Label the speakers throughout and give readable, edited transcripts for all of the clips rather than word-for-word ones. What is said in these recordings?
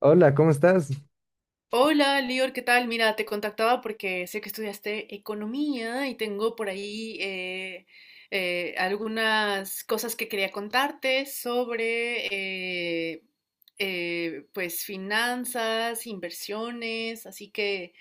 Speaker 1: Hola, ¿cómo estás?
Speaker 2: Hola, Lior, ¿qué tal? Mira, te contactaba porque sé que estudiaste economía y tengo por ahí algunas cosas que quería contarte sobre pues finanzas, inversiones, así que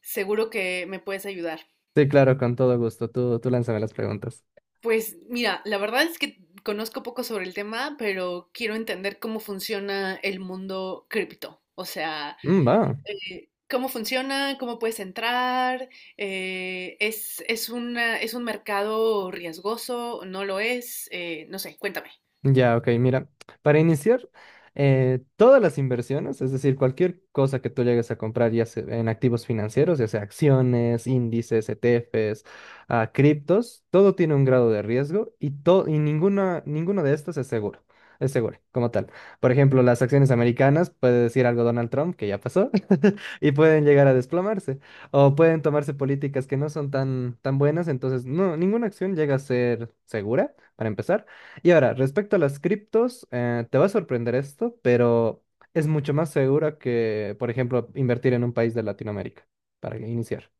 Speaker 2: seguro que me puedes ayudar.
Speaker 1: Sí, claro, con todo gusto. Tú lánzame las preguntas.
Speaker 2: Pues mira, la verdad es que conozco poco sobre el tema, pero quiero entender cómo funciona el mundo cripto. O sea,
Speaker 1: Mm, va.
Speaker 2: cómo funciona, cómo puedes entrar, es un mercado riesgoso, no lo es, no sé, cuéntame.
Speaker 1: Ya, ok, mira, para iniciar, todas las inversiones, es decir, cualquier cosa que tú llegues a comprar ya sea en activos financieros, ya sea acciones, índices, ETFs, criptos, todo tiene un grado de riesgo y, y ninguno de estos es seguro como tal. Por ejemplo, las acciones americanas, puede decir algo Donald Trump, que ya pasó, y pueden llegar a desplomarse, o pueden tomarse políticas que no son tan, tan buenas, entonces no, ninguna acción llega a ser segura, para empezar. Y ahora, respecto a las criptos, te va a sorprender esto, pero es mucho más segura que, por ejemplo, invertir en un país de Latinoamérica, para iniciar.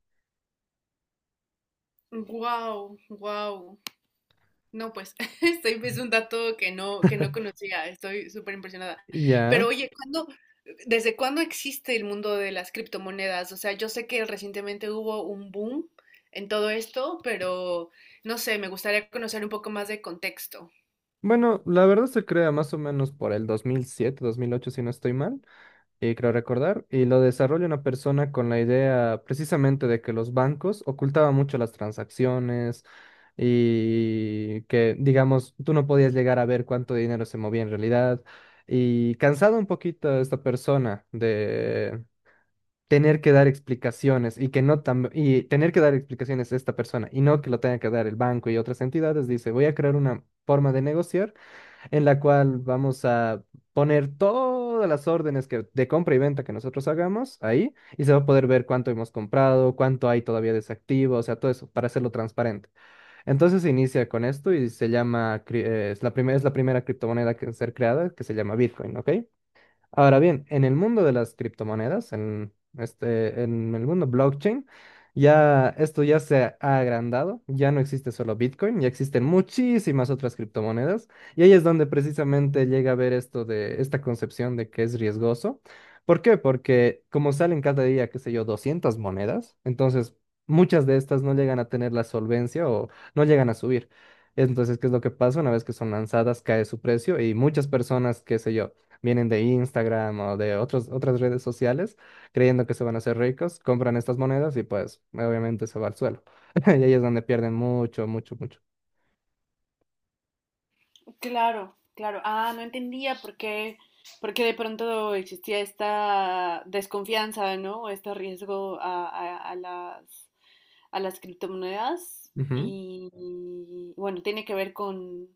Speaker 2: Wow, wow. No, pues este es un dato que no conocía. Estoy súper impresionada.
Speaker 1: Ya.
Speaker 2: Pero oye, ¿cuándo, desde cuándo existe el mundo de las criptomonedas? O sea, yo sé que recientemente hubo un boom en todo esto, pero no sé, me gustaría conocer un poco más de contexto.
Speaker 1: Bueno, la verdad se crea más o menos por el 2007, 2008 si no estoy mal. Y creo recordar, y lo desarrolla una persona con la idea precisamente de que los bancos ocultaban mucho las transacciones y que, digamos, tú no podías llegar a ver cuánto dinero se movía en realidad. Y cansado un poquito esta persona de tener que dar explicaciones y que no y tener que dar explicaciones a esta persona y no que lo tenga que dar el banco y otras entidades, dice, voy a crear una forma de negociar en la cual vamos a poner todas las órdenes que, de compra y venta que nosotros hagamos ahí y se va a poder ver cuánto hemos comprado, cuánto hay todavía desactivo, o sea, todo eso para hacerlo transparente. Entonces se inicia con esto y se llama, es la primera criptomoneda que en ser creada que se llama Bitcoin, ¿ok? Ahora bien, en el mundo de las criptomonedas, en el mundo blockchain, ya esto ya se ha agrandado, ya no existe solo Bitcoin, ya existen muchísimas otras criptomonedas, y ahí es donde precisamente llega a ver esto de esta concepción de que es riesgoso. ¿Por qué? Porque como salen cada día, qué sé yo, 200 monedas, entonces muchas de estas no llegan a tener la solvencia o no llegan a subir. Entonces, ¿qué es lo que pasa? Una vez que son lanzadas, cae su precio y muchas personas, qué sé yo, vienen de Instagram o de otras redes sociales, creyendo que se van a hacer ricos, compran estas monedas y pues obviamente se va al suelo. Y ahí es donde pierden mucho, mucho, mucho.
Speaker 2: Claro, claro. Ah, no entendía por qué de pronto existía esta desconfianza, ¿no? O este riesgo a, a las criptomonedas
Speaker 1: Ujú.
Speaker 2: y bueno, tiene que ver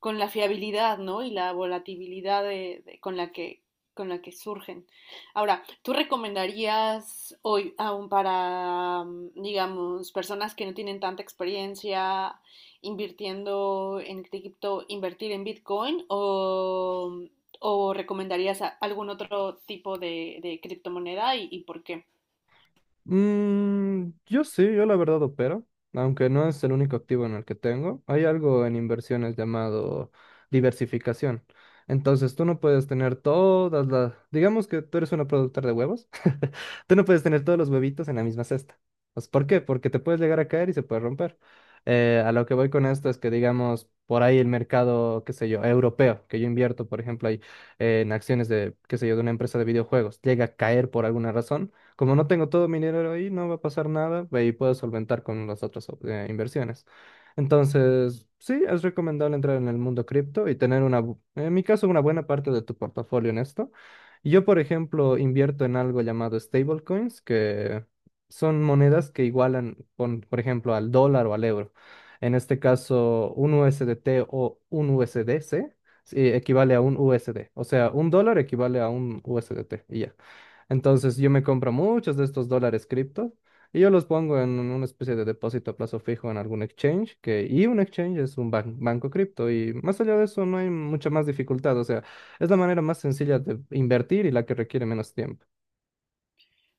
Speaker 2: con la fiabilidad, ¿no? Y la volatilidad con la que surgen. Ahora, ¿tú recomendarías hoy aún para, digamos, personas que no tienen tanta experiencia invirtiendo en cripto, invertir en Bitcoin o recomendarías algún otro tipo de criptomoneda y por qué?
Speaker 1: Yo sí, yo la verdad opero, aunque no es el único activo en el que tengo. Hay algo en inversiones llamado diversificación. Entonces, tú no puedes tener todas las, digamos que tú eres una productora de huevos, tú no puedes tener todos los huevitos en la misma cesta. Pues, ¿por qué? Porque te puedes llegar a caer y se puede romper. A lo que voy con esto es que, digamos, por ahí el mercado, qué sé yo, europeo, que yo invierto, por ejemplo, ahí en acciones de, qué sé yo, de una empresa de videojuegos, llega a caer por alguna razón. Como no tengo todo mi dinero ahí, no va a pasar nada y puedo solventar con las otras inversiones. Entonces, sí, es recomendable entrar en el mundo cripto y tener en mi caso, una buena parte de tu portafolio en esto. Yo, por ejemplo, invierto en algo llamado stablecoins, que son monedas que igualan, por ejemplo, al dólar o al euro. En este caso, un USDT o un USDC sí, equivale a un USD. O sea, un dólar equivale a un USDT y ya. Entonces yo me compro muchos de estos dólares cripto y yo los pongo en una especie de depósito a plazo fijo en algún exchange, que, y un exchange es un banco cripto y más allá de eso no hay mucha más dificultad, o sea, es la manera más sencilla de invertir y la que requiere menos tiempo.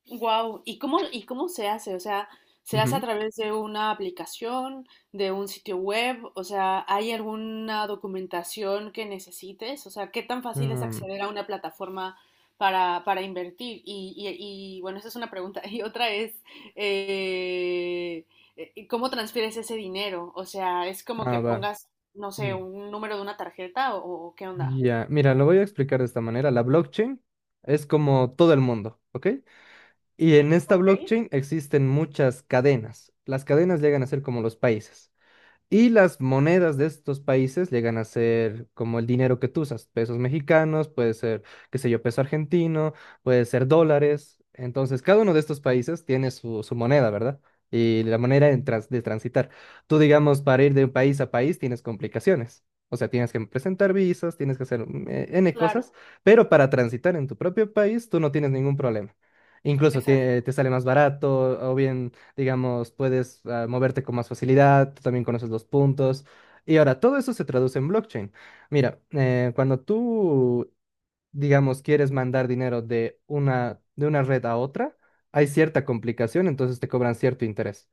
Speaker 2: Wow, y cómo se hace? O sea, ¿se hace a
Speaker 1: Ujú.
Speaker 2: través de una aplicación, de un sitio web? O sea, ¿hay alguna documentación que necesites? O sea, ¿qué tan fácil es
Speaker 1: Um,
Speaker 2: acceder a una plataforma para invertir? Y, bueno, esa es una pregunta. Y otra es, eh, ¿cómo transfieres ese dinero? O sea, ¿es como que
Speaker 1: va.
Speaker 2: pongas, no sé,
Speaker 1: Mm,
Speaker 2: un número de una tarjeta o qué onda?
Speaker 1: Ya, mira, lo voy a explicar de esta manera. La blockchain es como todo el mundo, ¿ok? Y en esta
Speaker 2: Ok.
Speaker 1: blockchain existen muchas cadenas. Las cadenas llegan a ser como los países. Y las monedas de estos países llegan a ser como el dinero que tú usas, pesos mexicanos, puede ser, qué sé yo, peso argentino, puede ser dólares. Entonces, cada uno de estos países tiene su, su moneda, ¿verdad? Y la manera en de transitar. Tú, digamos, para ir de un país a país tienes complicaciones. O sea, tienes que presentar visas, tienes que hacer N
Speaker 2: Claro,
Speaker 1: cosas, pero para transitar en tu propio país tú no tienes ningún problema. Incluso te,
Speaker 2: exacto.
Speaker 1: te sale más barato o bien digamos, puedes moverte con más facilidad, tú también conoces los puntos. Y ahora, todo eso se traduce en blockchain. Mira, cuando tú digamos, quieres mandar dinero de de una red a otra, hay cierta complicación, entonces te cobran cierto interés.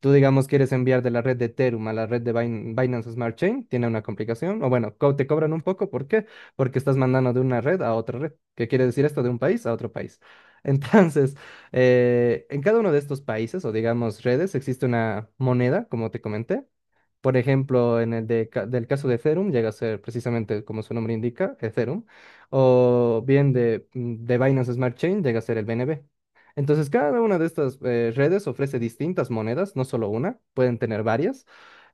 Speaker 1: Tú, digamos, quieres enviar de la red de Ethereum a la red de Binance Smart Chain, tiene una complicación, o bueno, te cobran un poco, ¿por qué? Porque estás mandando de una red a otra red. ¿Qué quiere decir esto? De un país a otro país. Entonces, en cada uno de estos países, o digamos redes, existe una moneda, como te comenté, por ejemplo, en el del caso de Ethereum, llega a ser precisamente como su nombre indica, Ethereum, o bien de Binance Smart Chain, llega a ser el BNB. Entonces, cada una de estas redes ofrece distintas monedas, no solo una, pueden tener varias,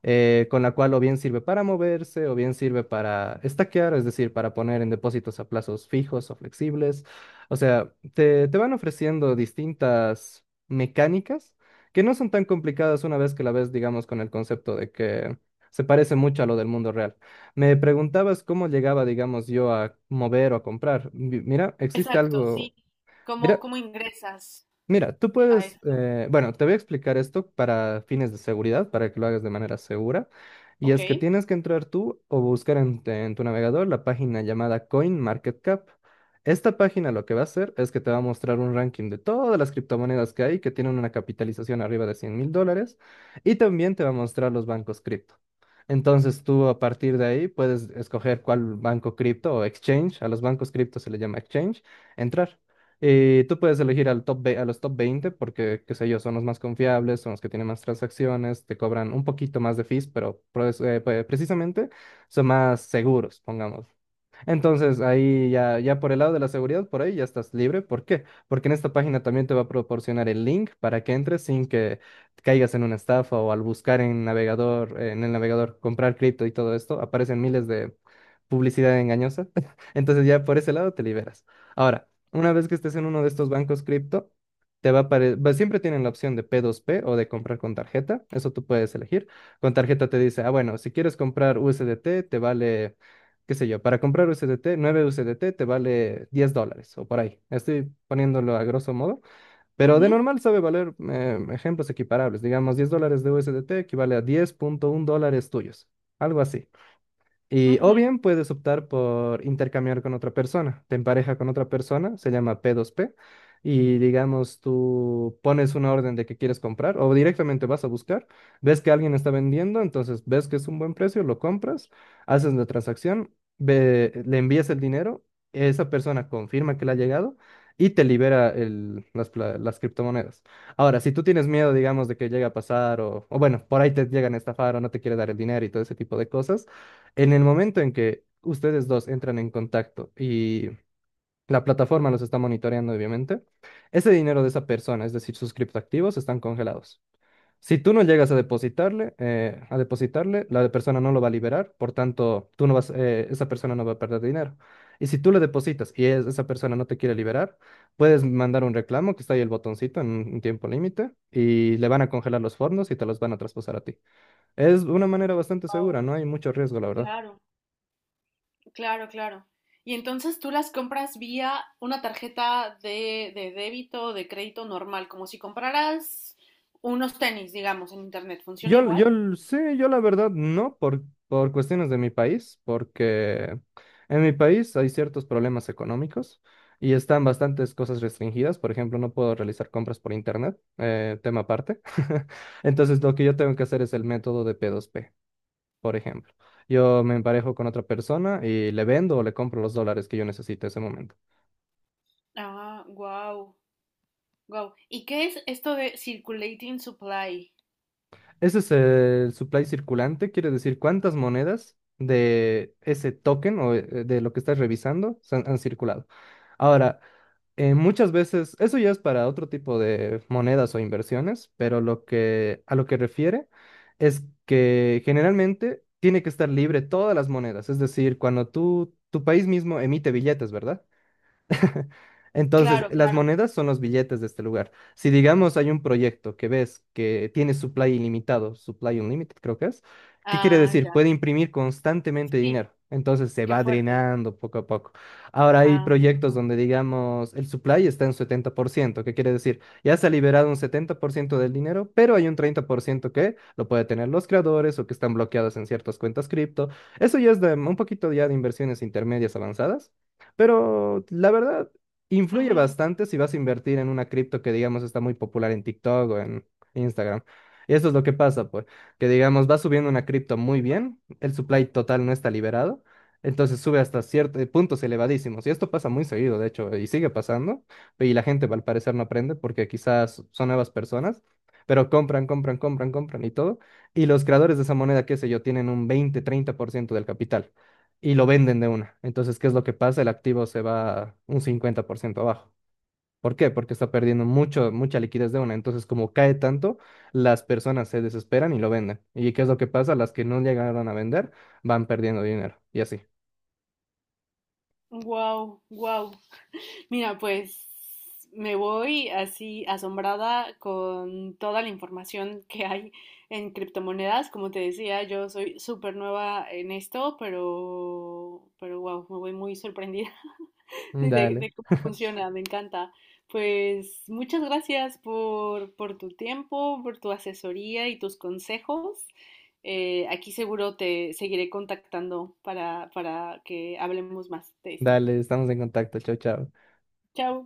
Speaker 1: con la cual o bien sirve para moverse, o bien sirve para estaquear, es decir, para poner en depósitos a plazos fijos o flexibles. O sea, te van ofreciendo distintas mecánicas que no son tan complicadas una vez que la ves, digamos, con el concepto de que se parece mucho a lo del mundo real. Me preguntabas cómo llegaba, digamos, yo a mover o a comprar. Mira, existe
Speaker 2: Exacto,
Speaker 1: algo.
Speaker 2: sí. ¿Cómo,
Speaker 1: Mira,
Speaker 2: cómo ingresas?
Speaker 1: Mira, tú
Speaker 2: A
Speaker 1: puedes,
Speaker 2: esto.
Speaker 1: bueno, te voy a explicar esto para fines de seguridad, para que lo hagas de manera segura. Y
Speaker 2: Ok.
Speaker 1: es que tienes que entrar tú o buscar en tu navegador la página llamada CoinMarketCap. Esta página lo que va a hacer es que te va a mostrar un ranking de todas las criptomonedas que hay que tienen una capitalización arriba de 100.000 dólares y también te va a mostrar los bancos cripto. Entonces tú a partir de ahí puedes escoger cuál banco cripto o exchange, a los bancos cripto se le llama exchange, entrar. Y tú puedes elegir a los top 20 porque, qué sé yo, son los más confiables, son los que tienen más transacciones, te cobran un poquito más de fees, pero pues, precisamente son más seguros, pongamos. Entonces, ahí ya, ya por el lado de la seguridad, por ahí ya estás libre. ¿Por qué? Porque en esta página también te va a proporcionar el link para que entres sin que caigas en una estafa o al buscar en el navegador comprar cripto y todo esto, aparecen miles de publicidad engañosa. Entonces, ya por ese lado te liberas. Ahora, una vez que estés en uno de estos bancos cripto, te va a aparecer, siempre tienen la opción de P2P o de comprar con tarjeta, eso tú puedes elegir. Con tarjeta te dice, ah, bueno, si quieres comprar USDT, te vale, qué sé yo, para comprar USDT, 9 USDT te vale 10 dólares o por ahí. Estoy poniéndolo a grosso modo, pero de
Speaker 2: Ujú,
Speaker 1: normal sabe valer ejemplos equiparables. Digamos, 10 dólares de USDT equivale a 10.1 dólares tuyos, algo así. Y, o
Speaker 2: ujú.
Speaker 1: bien puedes optar por intercambiar con otra persona. Te empareja con otra persona, se llama P2P. Y digamos, tú pones una orden de que quieres comprar o directamente vas a buscar, ves que alguien está vendiendo, entonces ves que es un buen precio, lo compras, haces la transacción, le envías el dinero, esa persona confirma que le ha llegado y te libera las, las criptomonedas. Ahora, si tú tienes miedo, digamos, de que llegue a pasar o bueno, por ahí te llegan a estafar o no te quiere dar el dinero y todo ese tipo de cosas. En el momento en que ustedes dos entran en contacto y la plataforma los está monitoreando, obviamente, ese dinero de esa persona, es decir, sus criptoactivos, están congelados. Si tú no llegas a depositarle, la de persona no lo va a liberar, por tanto, tú no vas, esa persona no va a perder dinero. Y si tú le depositas y esa persona no te quiere liberar, puedes mandar un reclamo, que está ahí el botoncito en un tiempo límite, y le van a congelar los fondos y te los van a traspasar a ti. Es una manera bastante
Speaker 2: Guau,
Speaker 1: segura, no hay mucho riesgo, la verdad.
Speaker 2: claro, claro, claro. Y entonces tú las compras vía una tarjeta de débito o de crédito normal, como si compraras unos tenis, digamos, en internet. ¿Funciona igual?
Speaker 1: Yo la verdad no, por cuestiones de mi país, porque en mi país hay ciertos problemas económicos y están bastantes cosas restringidas. Por ejemplo, no puedo realizar compras por internet, tema aparte. Entonces, lo que yo tengo que hacer es el método de P2P por ejemplo. Yo me emparejo con otra persona y le vendo o le compro los dólares que yo necesito en ese momento.
Speaker 2: Ah, wow, wow. ¿Y qué es esto de circulating supply?
Speaker 1: Ese es el supply circulante, quiere decir cuántas monedas de ese token o de lo que estás revisando han circulado. Ahora, muchas veces, eso ya es para otro tipo de monedas o inversiones, pero lo que, a lo que refiere es que generalmente tiene que estar libre todas las monedas, es decir, cuando tu país mismo emite billetes, ¿verdad? Entonces,
Speaker 2: Claro,
Speaker 1: las
Speaker 2: claro.
Speaker 1: monedas son los billetes de este lugar. Si digamos hay un proyecto que ves que tiene supply ilimitado, supply unlimited creo que es, ¿qué quiere
Speaker 2: Ah,
Speaker 1: decir?
Speaker 2: ya.
Speaker 1: Puede imprimir constantemente
Speaker 2: Sí,
Speaker 1: dinero. Entonces se
Speaker 2: qué
Speaker 1: va
Speaker 2: fuerte.
Speaker 1: drenando poco a poco. Ahora hay
Speaker 2: Ah,
Speaker 1: proyectos donde digamos el supply está en 70%, ¿qué quiere decir? Ya se ha liberado un 70% del dinero, pero hay un 30% que lo puede tener los creadores o que están bloqueados en ciertas cuentas cripto. Eso ya es de, un poquito ya de inversiones intermedias avanzadas. Pero la verdad, influye bastante si vas a invertir en una cripto que, digamos, está muy popular en TikTok o en Instagram. Y eso es lo que pasa, pues, que, digamos, va subiendo una cripto muy bien, el supply total no está liberado, entonces sube hasta ciertos puntos elevadísimos. Y esto pasa muy seguido, de hecho, y sigue pasando. Y la gente, al parecer, no aprende porque quizás son nuevas personas, pero compran, compran, compran, compran y todo. Y los creadores de esa moneda, qué sé yo, tienen un 20-30% del capital y lo venden de una. Entonces, ¿qué es lo que pasa? El activo se va un 50% abajo. ¿Por qué? Porque está perdiendo mucho, mucha liquidez de una. Entonces, como cae tanto, las personas se desesperan y lo venden. ¿Y qué es lo que pasa? Las que no llegaron a vender van perdiendo dinero. Y así.
Speaker 2: wow, wow. Mira, pues me voy así asombrada con toda la información que hay en criptomonedas. Como te decía, yo soy súper nueva en esto, pero wow, me voy muy sorprendida
Speaker 1: Dale,
Speaker 2: de cómo funciona, me encanta. Pues muchas gracias por tu tiempo, por tu asesoría y tus consejos. Aquí seguro te seguiré contactando para que hablemos más de esto.
Speaker 1: dale, estamos en contacto. Chao, chao.
Speaker 2: Chao.